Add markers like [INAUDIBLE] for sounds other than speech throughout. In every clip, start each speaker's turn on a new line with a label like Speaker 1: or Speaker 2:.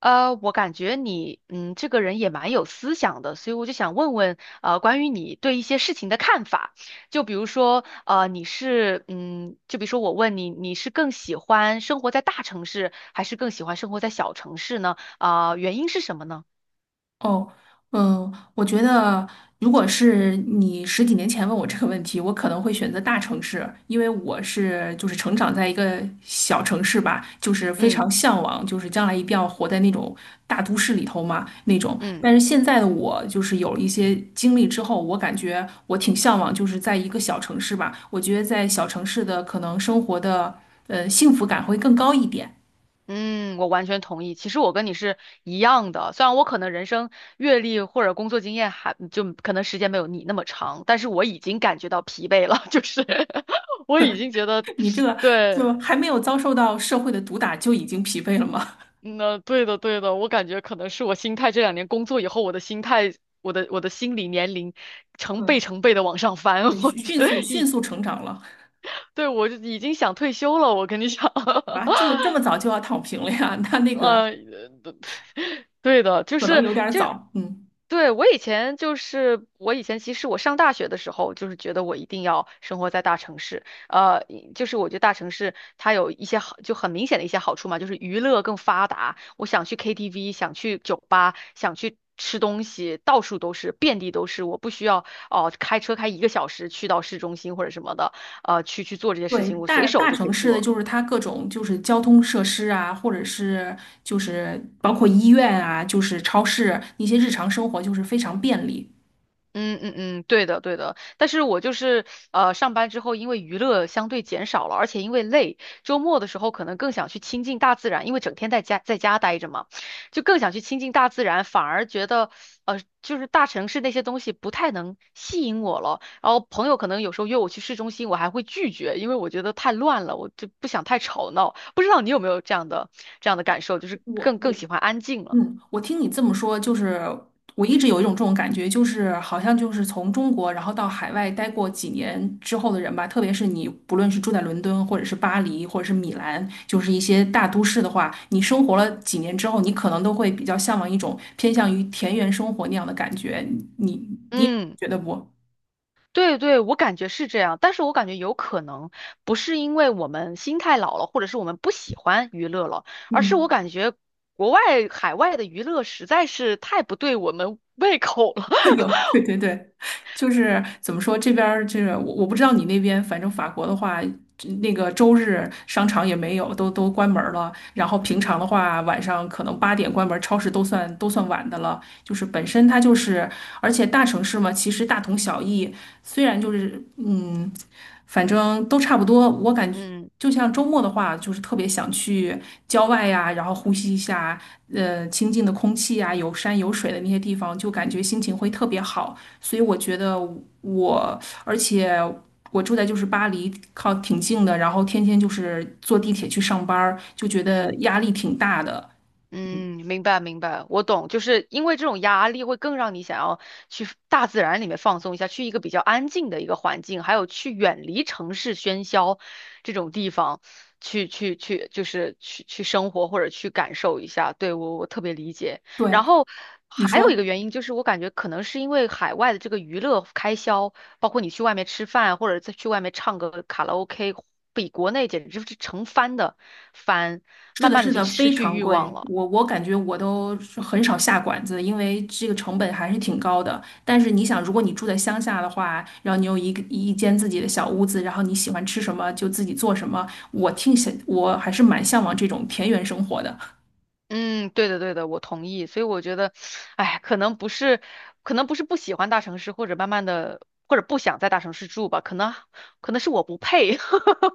Speaker 1: 我感觉你，这个人也蛮有思想的，所以我就想问问，关于你对一些事情的看法。就比如说，你是，嗯，就比如说我问你，你是更喜欢生活在大城市，还是更喜欢生活在小城市呢？啊、原因是什么呢？
Speaker 2: 哦，我觉得如果是你十几年前问我这个问题，我可能会选择大城市，因为我就是成长在一个小城市吧，就是非
Speaker 1: 嗯
Speaker 2: 常向往，就是将来一定要活在那种大都市里头嘛那种。但
Speaker 1: 嗯。
Speaker 2: 是现在的我就是有一些经历之后，我感觉我挺向往，就是在一个小城市吧。我觉得在小城市的可能生活的幸福感会更高一点。
Speaker 1: 嗯，我完全同意。其实我跟你是一样的，虽然我可能人生阅历或者工作经验还就可能时间没有你那么长，但是我已经感觉到疲惫了，[LAUGHS] 就是 [LAUGHS] 我已经觉得，
Speaker 2: [LAUGHS] 你这个
Speaker 1: 对，
Speaker 2: 就还没有遭受到社会的毒打就已经疲惫了吗？
Speaker 1: 那对的对的，我感觉可能是我心态这2年工作以后，我的心态，我的心理年龄成倍
Speaker 2: 嗯，
Speaker 1: 成倍的往上翻，
Speaker 2: 对，
Speaker 1: [LAUGHS] 我
Speaker 2: 迅
Speaker 1: 觉
Speaker 2: 迅
Speaker 1: 得，
Speaker 2: 速迅速成长了
Speaker 1: 对，我就已经想退休了，我跟你讲。[LAUGHS]
Speaker 2: 啊！这么早就要躺平了呀？[LAUGHS] 那那个
Speaker 1: 呃，[LAUGHS] 对的，就
Speaker 2: 可能
Speaker 1: 是
Speaker 2: 有点儿
Speaker 1: 就
Speaker 2: 早。嗯，
Speaker 1: 对，我以前其实我上大学的时候就是觉得我一定要生活在大城市，就是我觉得大城市它有一些很明显的一些好处嘛，就是娱乐更发达，我想去 KTV，想去酒吧，想去吃东西，到处都是，遍地都是，我不需要开车开一个小时去到市中心或者什么的，去做这些事
Speaker 2: 对，
Speaker 1: 情，我随
Speaker 2: 大
Speaker 1: 手
Speaker 2: 大
Speaker 1: 就可
Speaker 2: 城
Speaker 1: 以
Speaker 2: 市的
Speaker 1: 做。
Speaker 2: 就是它各种就是交通设施啊，或者是就是包括医院啊，就是超市一些日常生活就是非常便利。
Speaker 1: 嗯嗯嗯，对的对的，但是我就是上班之后，因为娱乐相对减少了，而且因为累，周末的时候可能更想去亲近大自然，因为整天在家待着嘛，就更想去亲近大自然，反而觉得就是大城市那些东西不太能吸引我了。然后朋友可能有时候约我去市中心，我还会拒绝，因为我觉得太乱了，我就不想太吵闹。不知道你有没有这样的感受，就是
Speaker 2: 我
Speaker 1: 更
Speaker 2: 我
Speaker 1: 喜欢安静了。
Speaker 2: 我听你这么说，就是我一直有一种这种感觉，就是好像就是从中国然后到海外待过几年之后的人吧，特别是你不论是住在伦敦，或者是巴黎，或者是米兰，就是一些大都市的话，你生活了几年之后，你可能都会比较向往一种偏向于田园生活那样的感觉，你也
Speaker 1: 嗯。
Speaker 2: 觉得不？
Speaker 1: 对对，我感觉是这样，但是我感觉有可能不是因为我们心态老了，或者是我们不喜欢娱乐了，而是我
Speaker 2: 嗯。
Speaker 1: 感觉国外海外的娱乐实在是太不对我们胃口了。
Speaker 2: [LAUGHS] 有，对对对，就是怎么说，这边儿就是我不知道你那边，反正法国的话，这那个周日商场也没有，都关门儿了。然后平
Speaker 1: [LAUGHS]
Speaker 2: 常
Speaker 1: 嗯
Speaker 2: 的话，晚上可能8点关门儿超市都算晚的了。就是本身它就是，而且大城市嘛，其实大同小异。虽然就是反正都差不多，我感觉。
Speaker 1: 嗯
Speaker 2: 就像周末的话，就是特别想去郊外呀，然后呼吸一下清静的空气呀，有山有水的那些地方，就感觉心情会特别好。所以我觉得我，而且我住在就是巴黎，靠挺近的，然后天天就是坐地铁去上班儿就觉得
Speaker 1: 嗯。
Speaker 2: 压力挺大的。
Speaker 1: 嗯，明白明白，我懂，就是因为这种压力会更让你想要去大自然里面放松一下，去一个比较安静的一个环境，还有去远离城市喧嚣这种地方，去去去，就是去生活或者去感受一下。对，我特别理解。
Speaker 2: 对，
Speaker 1: 然后
Speaker 2: 你
Speaker 1: 还有一
Speaker 2: 说。
Speaker 1: 个原因就是，我感觉可能是因为海外的这个娱乐开销，包括你去外面吃饭或者再去外面唱个卡拉 OK，比国内简直是成翻的翻，
Speaker 2: 是
Speaker 1: 慢
Speaker 2: 的，
Speaker 1: 慢
Speaker 2: 是
Speaker 1: 的就
Speaker 2: 的，
Speaker 1: 失
Speaker 2: 非
Speaker 1: 去
Speaker 2: 常
Speaker 1: 欲
Speaker 2: 贵。
Speaker 1: 望了。
Speaker 2: 我感觉我都是很少下馆子，因为这个成本还是挺高的。但是你想，如果你住在乡下的话，然后你有一间自己的小屋子，然后你喜欢吃什么就自己做什么，我挺想，我还是蛮向往这种田园生活的。
Speaker 1: 嗯，对的，对的，我同意。所以我觉得，哎，可能不是不喜欢大城市，或者慢慢的，或者不想在大城市住吧，可能是我不配。[LAUGHS]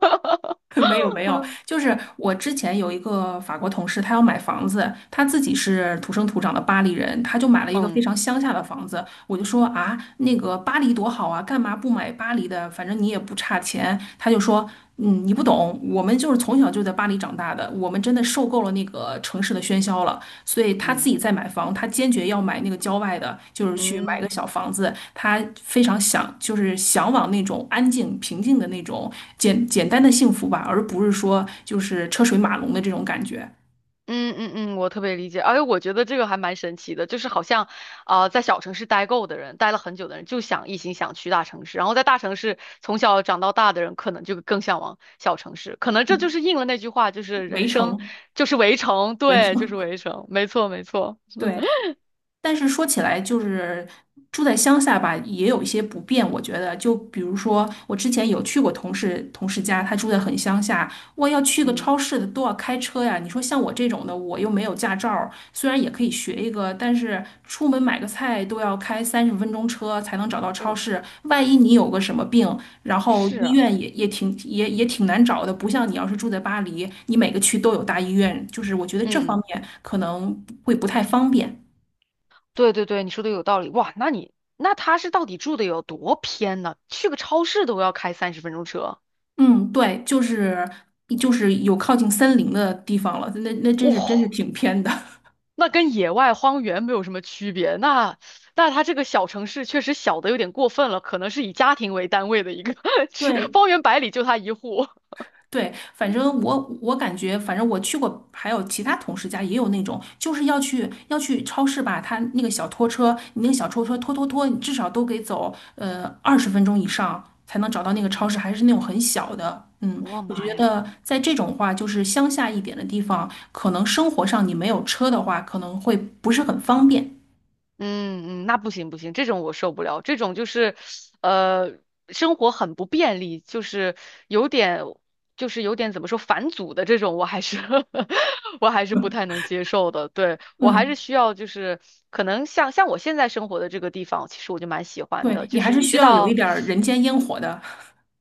Speaker 2: [LAUGHS] 没有没有，
Speaker 1: 嗯
Speaker 2: 就是我之前有一个法国同事，他要买房子，他自己是土生土长的巴黎人，他就买了一个非
Speaker 1: 嗯
Speaker 2: 常乡下的房子。我就说啊，那个巴黎多好啊，干嘛不买巴黎的？反正你也不差钱。他就说，嗯，你不懂，我们就是从小就在巴黎长大的。我们真的受够了那个城市的喧嚣了，所以他自
Speaker 1: 嗯。
Speaker 2: 己在买房，他坚决要买那个郊外的，就是去买个
Speaker 1: 嗯
Speaker 2: 小房子，他非常想，就是向往那种安静、平静的那种简单的幸福吧，而不是说就是车水马龙的这种感觉。
Speaker 1: 嗯嗯嗯，我特别理解，而且我觉得这个还蛮神奇的，就是好像，啊，在小城市待够的人，待了很久的人，一心想去大城市，然后在大城市从小长到大的人，可能就更向往小城市，可能这就
Speaker 2: 嗯
Speaker 1: 是应了那句话，就是
Speaker 2: 围
Speaker 1: 人生
Speaker 2: 城，
Speaker 1: 就是围城，
Speaker 2: 围
Speaker 1: 对，就
Speaker 2: 城，
Speaker 1: 是围城，没错没错，
Speaker 2: [LAUGHS] 对。
Speaker 1: [LAUGHS]
Speaker 2: 但是说起来，就是住在乡下吧，也有一些不便。我觉得，就比如说，我之前有去过同事家，他住在很乡下，我要去个
Speaker 1: 嗯，
Speaker 2: 超市的都要开车呀。你说像我这种的，我又没有驾照儿虽然也可以学一个，但是出门买个菜都要开三十分钟车才能找到超
Speaker 1: 哦，
Speaker 2: 市。万一你有个什么病，然后
Speaker 1: 是
Speaker 2: 医
Speaker 1: 啊，
Speaker 2: 院也挺难找的，不像你要是住在巴黎，你每个区都有大医院，就是我觉得这方
Speaker 1: 嗯，
Speaker 2: 面可能会不太方便。
Speaker 1: 对对对，你说的有道理，哇，那他是到底住的有多偏呢？去个超市都要开30分钟车，
Speaker 2: 嗯，对，就是有靠近森林的地方了，那真是
Speaker 1: 哇、
Speaker 2: 挺偏的。[LAUGHS]
Speaker 1: 那跟野外荒原没有什么区别。那它这个小城市确实小的有点过分了，可能是以家庭为单位的一个 [LAUGHS]，是
Speaker 2: 对
Speaker 1: 方圆百里就它一户。
Speaker 2: 对，反正我感觉，反正我去过，还有其他同事家也有那种，就是要去超市吧，他那个小拖车，你那个小拖车拖拖拖，你至少都得走20分钟以上才能找到那个超
Speaker 1: 嗯，
Speaker 2: 市，还是那种很小的。嗯，
Speaker 1: 我
Speaker 2: 我觉
Speaker 1: 妈呀！
Speaker 2: 得在这种话，就是乡下一点的地方，可能生活上你没有车的话，可能会不是很方便。
Speaker 1: 嗯嗯，那不行不行，这种我受不了，这种就是，呃，生活很不便利，有点，就是有点怎么说返祖的这种，我还是 [LAUGHS] 我还是不太能
Speaker 2: [LAUGHS]
Speaker 1: 接受的。对，我还是
Speaker 2: 嗯，
Speaker 1: 需要，就是可能像我现在生活的这个地方，其实我就蛮喜欢
Speaker 2: 对，
Speaker 1: 的，
Speaker 2: 你
Speaker 1: 就
Speaker 2: 还
Speaker 1: 是
Speaker 2: 是
Speaker 1: 你
Speaker 2: 需
Speaker 1: 知
Speaker 2: 要有一
Speaker 1: 道，
Speaker 2: 点儿人间烟火的。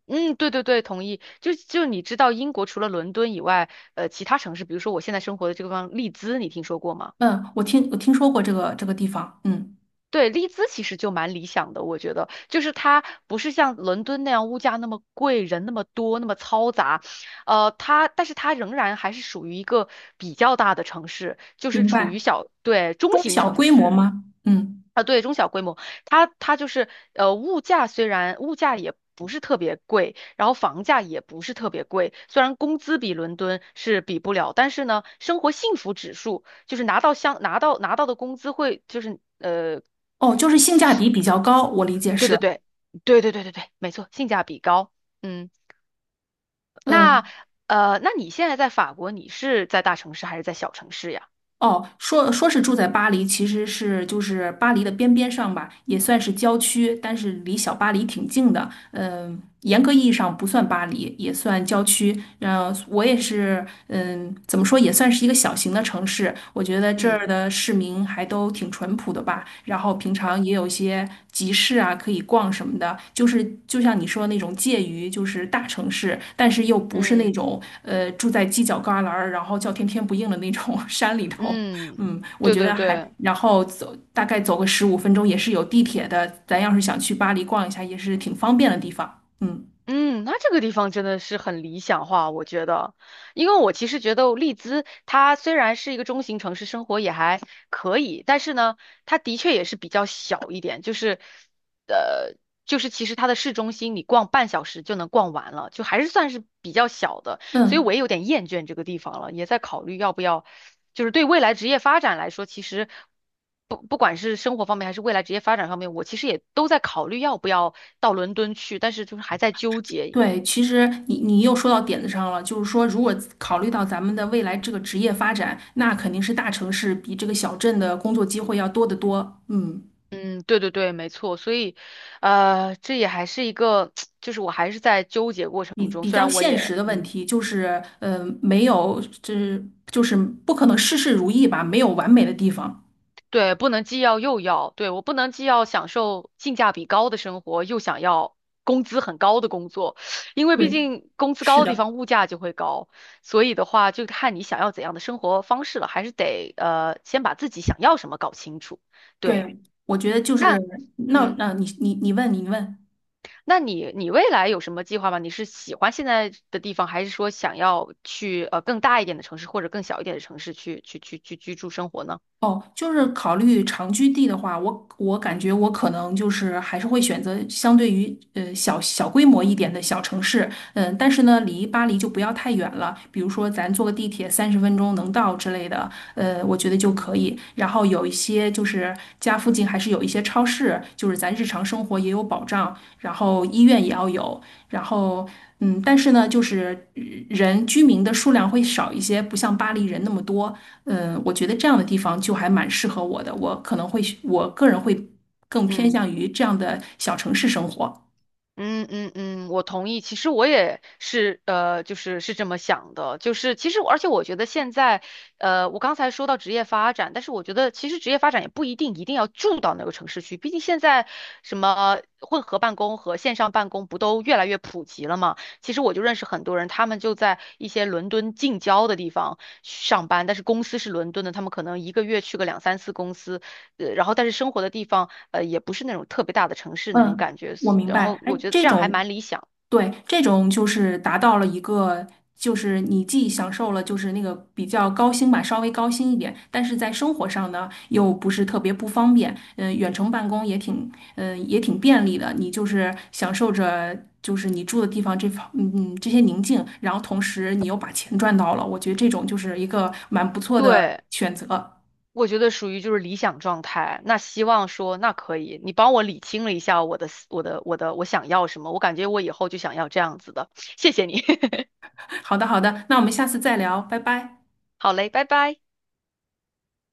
Speaker 1: 嗯，对对对，同意。就你知道，英国除了伦敦以外，其他城市，比如说我现在生活的这个地方，利兹，你听说过吗？
Speaker 2: 嗯，我听说过这个地方，嗯，
Speaker 1: 对，利兹其实就蛮理想的，我觉得，就是它不是像伦敦那样物价那么贵，人那么多，那么嘈杂，但是它仍然还是属于一个比较大的城市，就是
Speaker 2: 明
Speaker 1: 处于
Speaker 2: 白。
Speaker 1: 小，对，中
Speaker 2: 中
Speaker 1: 型
Speaker 2: 小
Speaker 1: 城
Speaker 2: 规模
Speaker 1: 市。
Speaker 2: 吗？嗯，
Speaker 1: 它就是虽然物价也不是特别贵，然后房价也不是特别贵，虽然工资比伦敦是比不了，但是呢，生活幸福指数就是拿到相拿到拿到的工资会就是。
Speaker 2: 哦，就是性价比比较高，我理解
Speaker 1: 对
Speaker 2: 是。
Speaker 1: 对对，对对对对对，没错，性价比高。嗯，那
Speaker 2: 嗯，
Speaker 1: 那你现在在法国，你是在大城市还是在小城市呀？
Speaker 2: 哦，说说是住在巴黎，其实就是巴黎的边边上吧，也算是郊区，但是离小巴黎挺近的。嗯，严格意义上不算巴黎，也算郊区。嗯，我也是，嗯，怎么说也算是一个小型的城市。我觉得这儿
Speaker 1: 嗯
Speaker 2: 的市民还都挺淳朴的吧，然后平常也有一些集市啊可以逛什么的，就是就像你说的那种介于就是大城市，但是又不是那
Speaker 1: 嗯
Speaker 2: 种住在犄角旮旯儿，然后叫天天不应的那种 [LAUGHS] 山里头。
Speaker 1: 嗯，
Speaker 2: 嗯，我
Speaker 1: 对
Speaker 2: 觉
Speaker 1: 对
Speaker 2: 得还，
Speaker 1: 对，
Speaker 2: 然后走大概走个15分钟也是有地铁的，咱要是想去巴黎逛一下也是挺方便的地方。嗯
Speaker 1: 嗯，那这个地方真的是很理想化，我觉得，因为我其实觉得利兹它虽然是一个中型城市，生活也还可以，但是呢，它的确也是比较小一点，呃，就是其实它的市中心你逛半小时就能逛完了，就还是算是比较小的。所以
Speaker 2: 嗯。
Speaker 1: 我也有点厌倦这个地方了，也在考虑要不要，就是对未来职业发展来说，其实不管是生活方面还是未来职业发展方面，我其实也都在考虑要不要到伦敦去，但是就是还在纠结。
Speaker 2: 对，其实你又说到点子上了，就是说，如果考虑到咱们的未来这个职业发展，那肯定是大城市比这个小镇的工作机会要多得多。嗯，
Speaker 1: 嗯，对对对，没错，所以，这也还是一个，[TSK] 就是我还是在纠结过
Speaker 2: 比
Speaker 1: 程中，
Speaker 2: 比
Speaker 1: 虽
Speaker 2: 较
Speaker 1: 然我
Speaker 2: 现
Speaker 1: 也
Speaker 2: 实的问
Speaker 1: 嗯。
Speaker 2: 题就是，呃，没有，就是就是不可能事事如意吧，没有完美的地方。
Speaker 1: 对，不能既要又要，对，我不能既要享受性价比高的生活，又想要工资很高的工作，因为毕
Speaker 2: 对，
Speaker 1: 竟工资高
Speaker 2: 是
Speaker 1: 的地
Speaker 2: 的，
Speaker 1: 方物价就会高，所以的话就看你想要怎样的生活方式了，还是得先把自己想要什么搞清楚。对，
Speaker 2: 对，我觉得就是，
Speaker 1: 那
Speaker 2: 那，
Speaker 1: 嗯，
Speaker 2: 那、你问。
Speaker 1: 那你未来有什么计划吗？你是喜欢现在的地方，还是说想要去更大一点的城市或者更小一点的城市去居住生活呢？
Speaker 2: 哦，就是考虑长居地的话，我感觉我可能就是还是会选择相对于小规模一点的小城市，嗯，但是呢，离巴黎就不要太远了，比如说咱坐个地铁三十分钟能到之类的，我觉得就可
Speaker 1: 嗯
Speaker 2: 以。然后有一些就是家附近还是有一些超市，就是咱日常生活也有保障，然后医院也要有，然后。嗯，但是呢，就是人居民的数量会少一些，不像巴黎人那么多。嗯，我觉得这样的地方就还蛮适合我的，我可能会，我个人会更偏
Speaker 1: 嗯。
Speaker 2: 向于这样的小城市生活。
Speaker 1: 嗯嗯嗯，我同意。其实我也是，就是这么想的。就是其实我，而且我觉得现在，我刚才说到职业发展，但是我觉得其实职业发展也不一定一定要住到那个城市去。毕竟现在什么混合办公和线上办公不都越来越普及了嘛？其实我就认识很多人，他们就在一些伦敦近郊的地方上班，但是公司是伦敦的，他们可能一个月去个两三次公司，然后但是生活的地方。也不是那种特别大的城市那种
Speaker 2: 嗯，
Speaker 1: 感觉。
Speaker 2: 我明
Speaker 1: 然后
Speaker 2: 白。哎，
Speaker 1: 我觉得
Speaker 2: 这
Speaker 1: 这样还
Speaker 2: 种
Speaker 1: 蛮理想。
Speaker 2: 对，这种就是达到了一个，就是你既享受了就是那个比较高薪吧，稍微高薪一点，但是在生活上呢又不是特别不方便，嗯、远程办公也挺，嗯、也挺便利的，你就是享受着就是你住的地方这方，嗯嗯这些宁静，然后同时你又把钱赚到了，我觉得这种就是一个蛮不错的
Speaker 1: 对，
Speaker 2: 选择。
Speaker 1: 我觉得属于就是理想状态。那希望说，那可以，你帮我理清了一下我的思我的、我的，我想要什么？我感觉我以后就想要这样子的。谢谢你。[LAUGHS]
Speaker 2: [LAUGHS] 好的，好的，那我们下次再聊，拜拜。
Speaker 1: 好嘞，拜拜。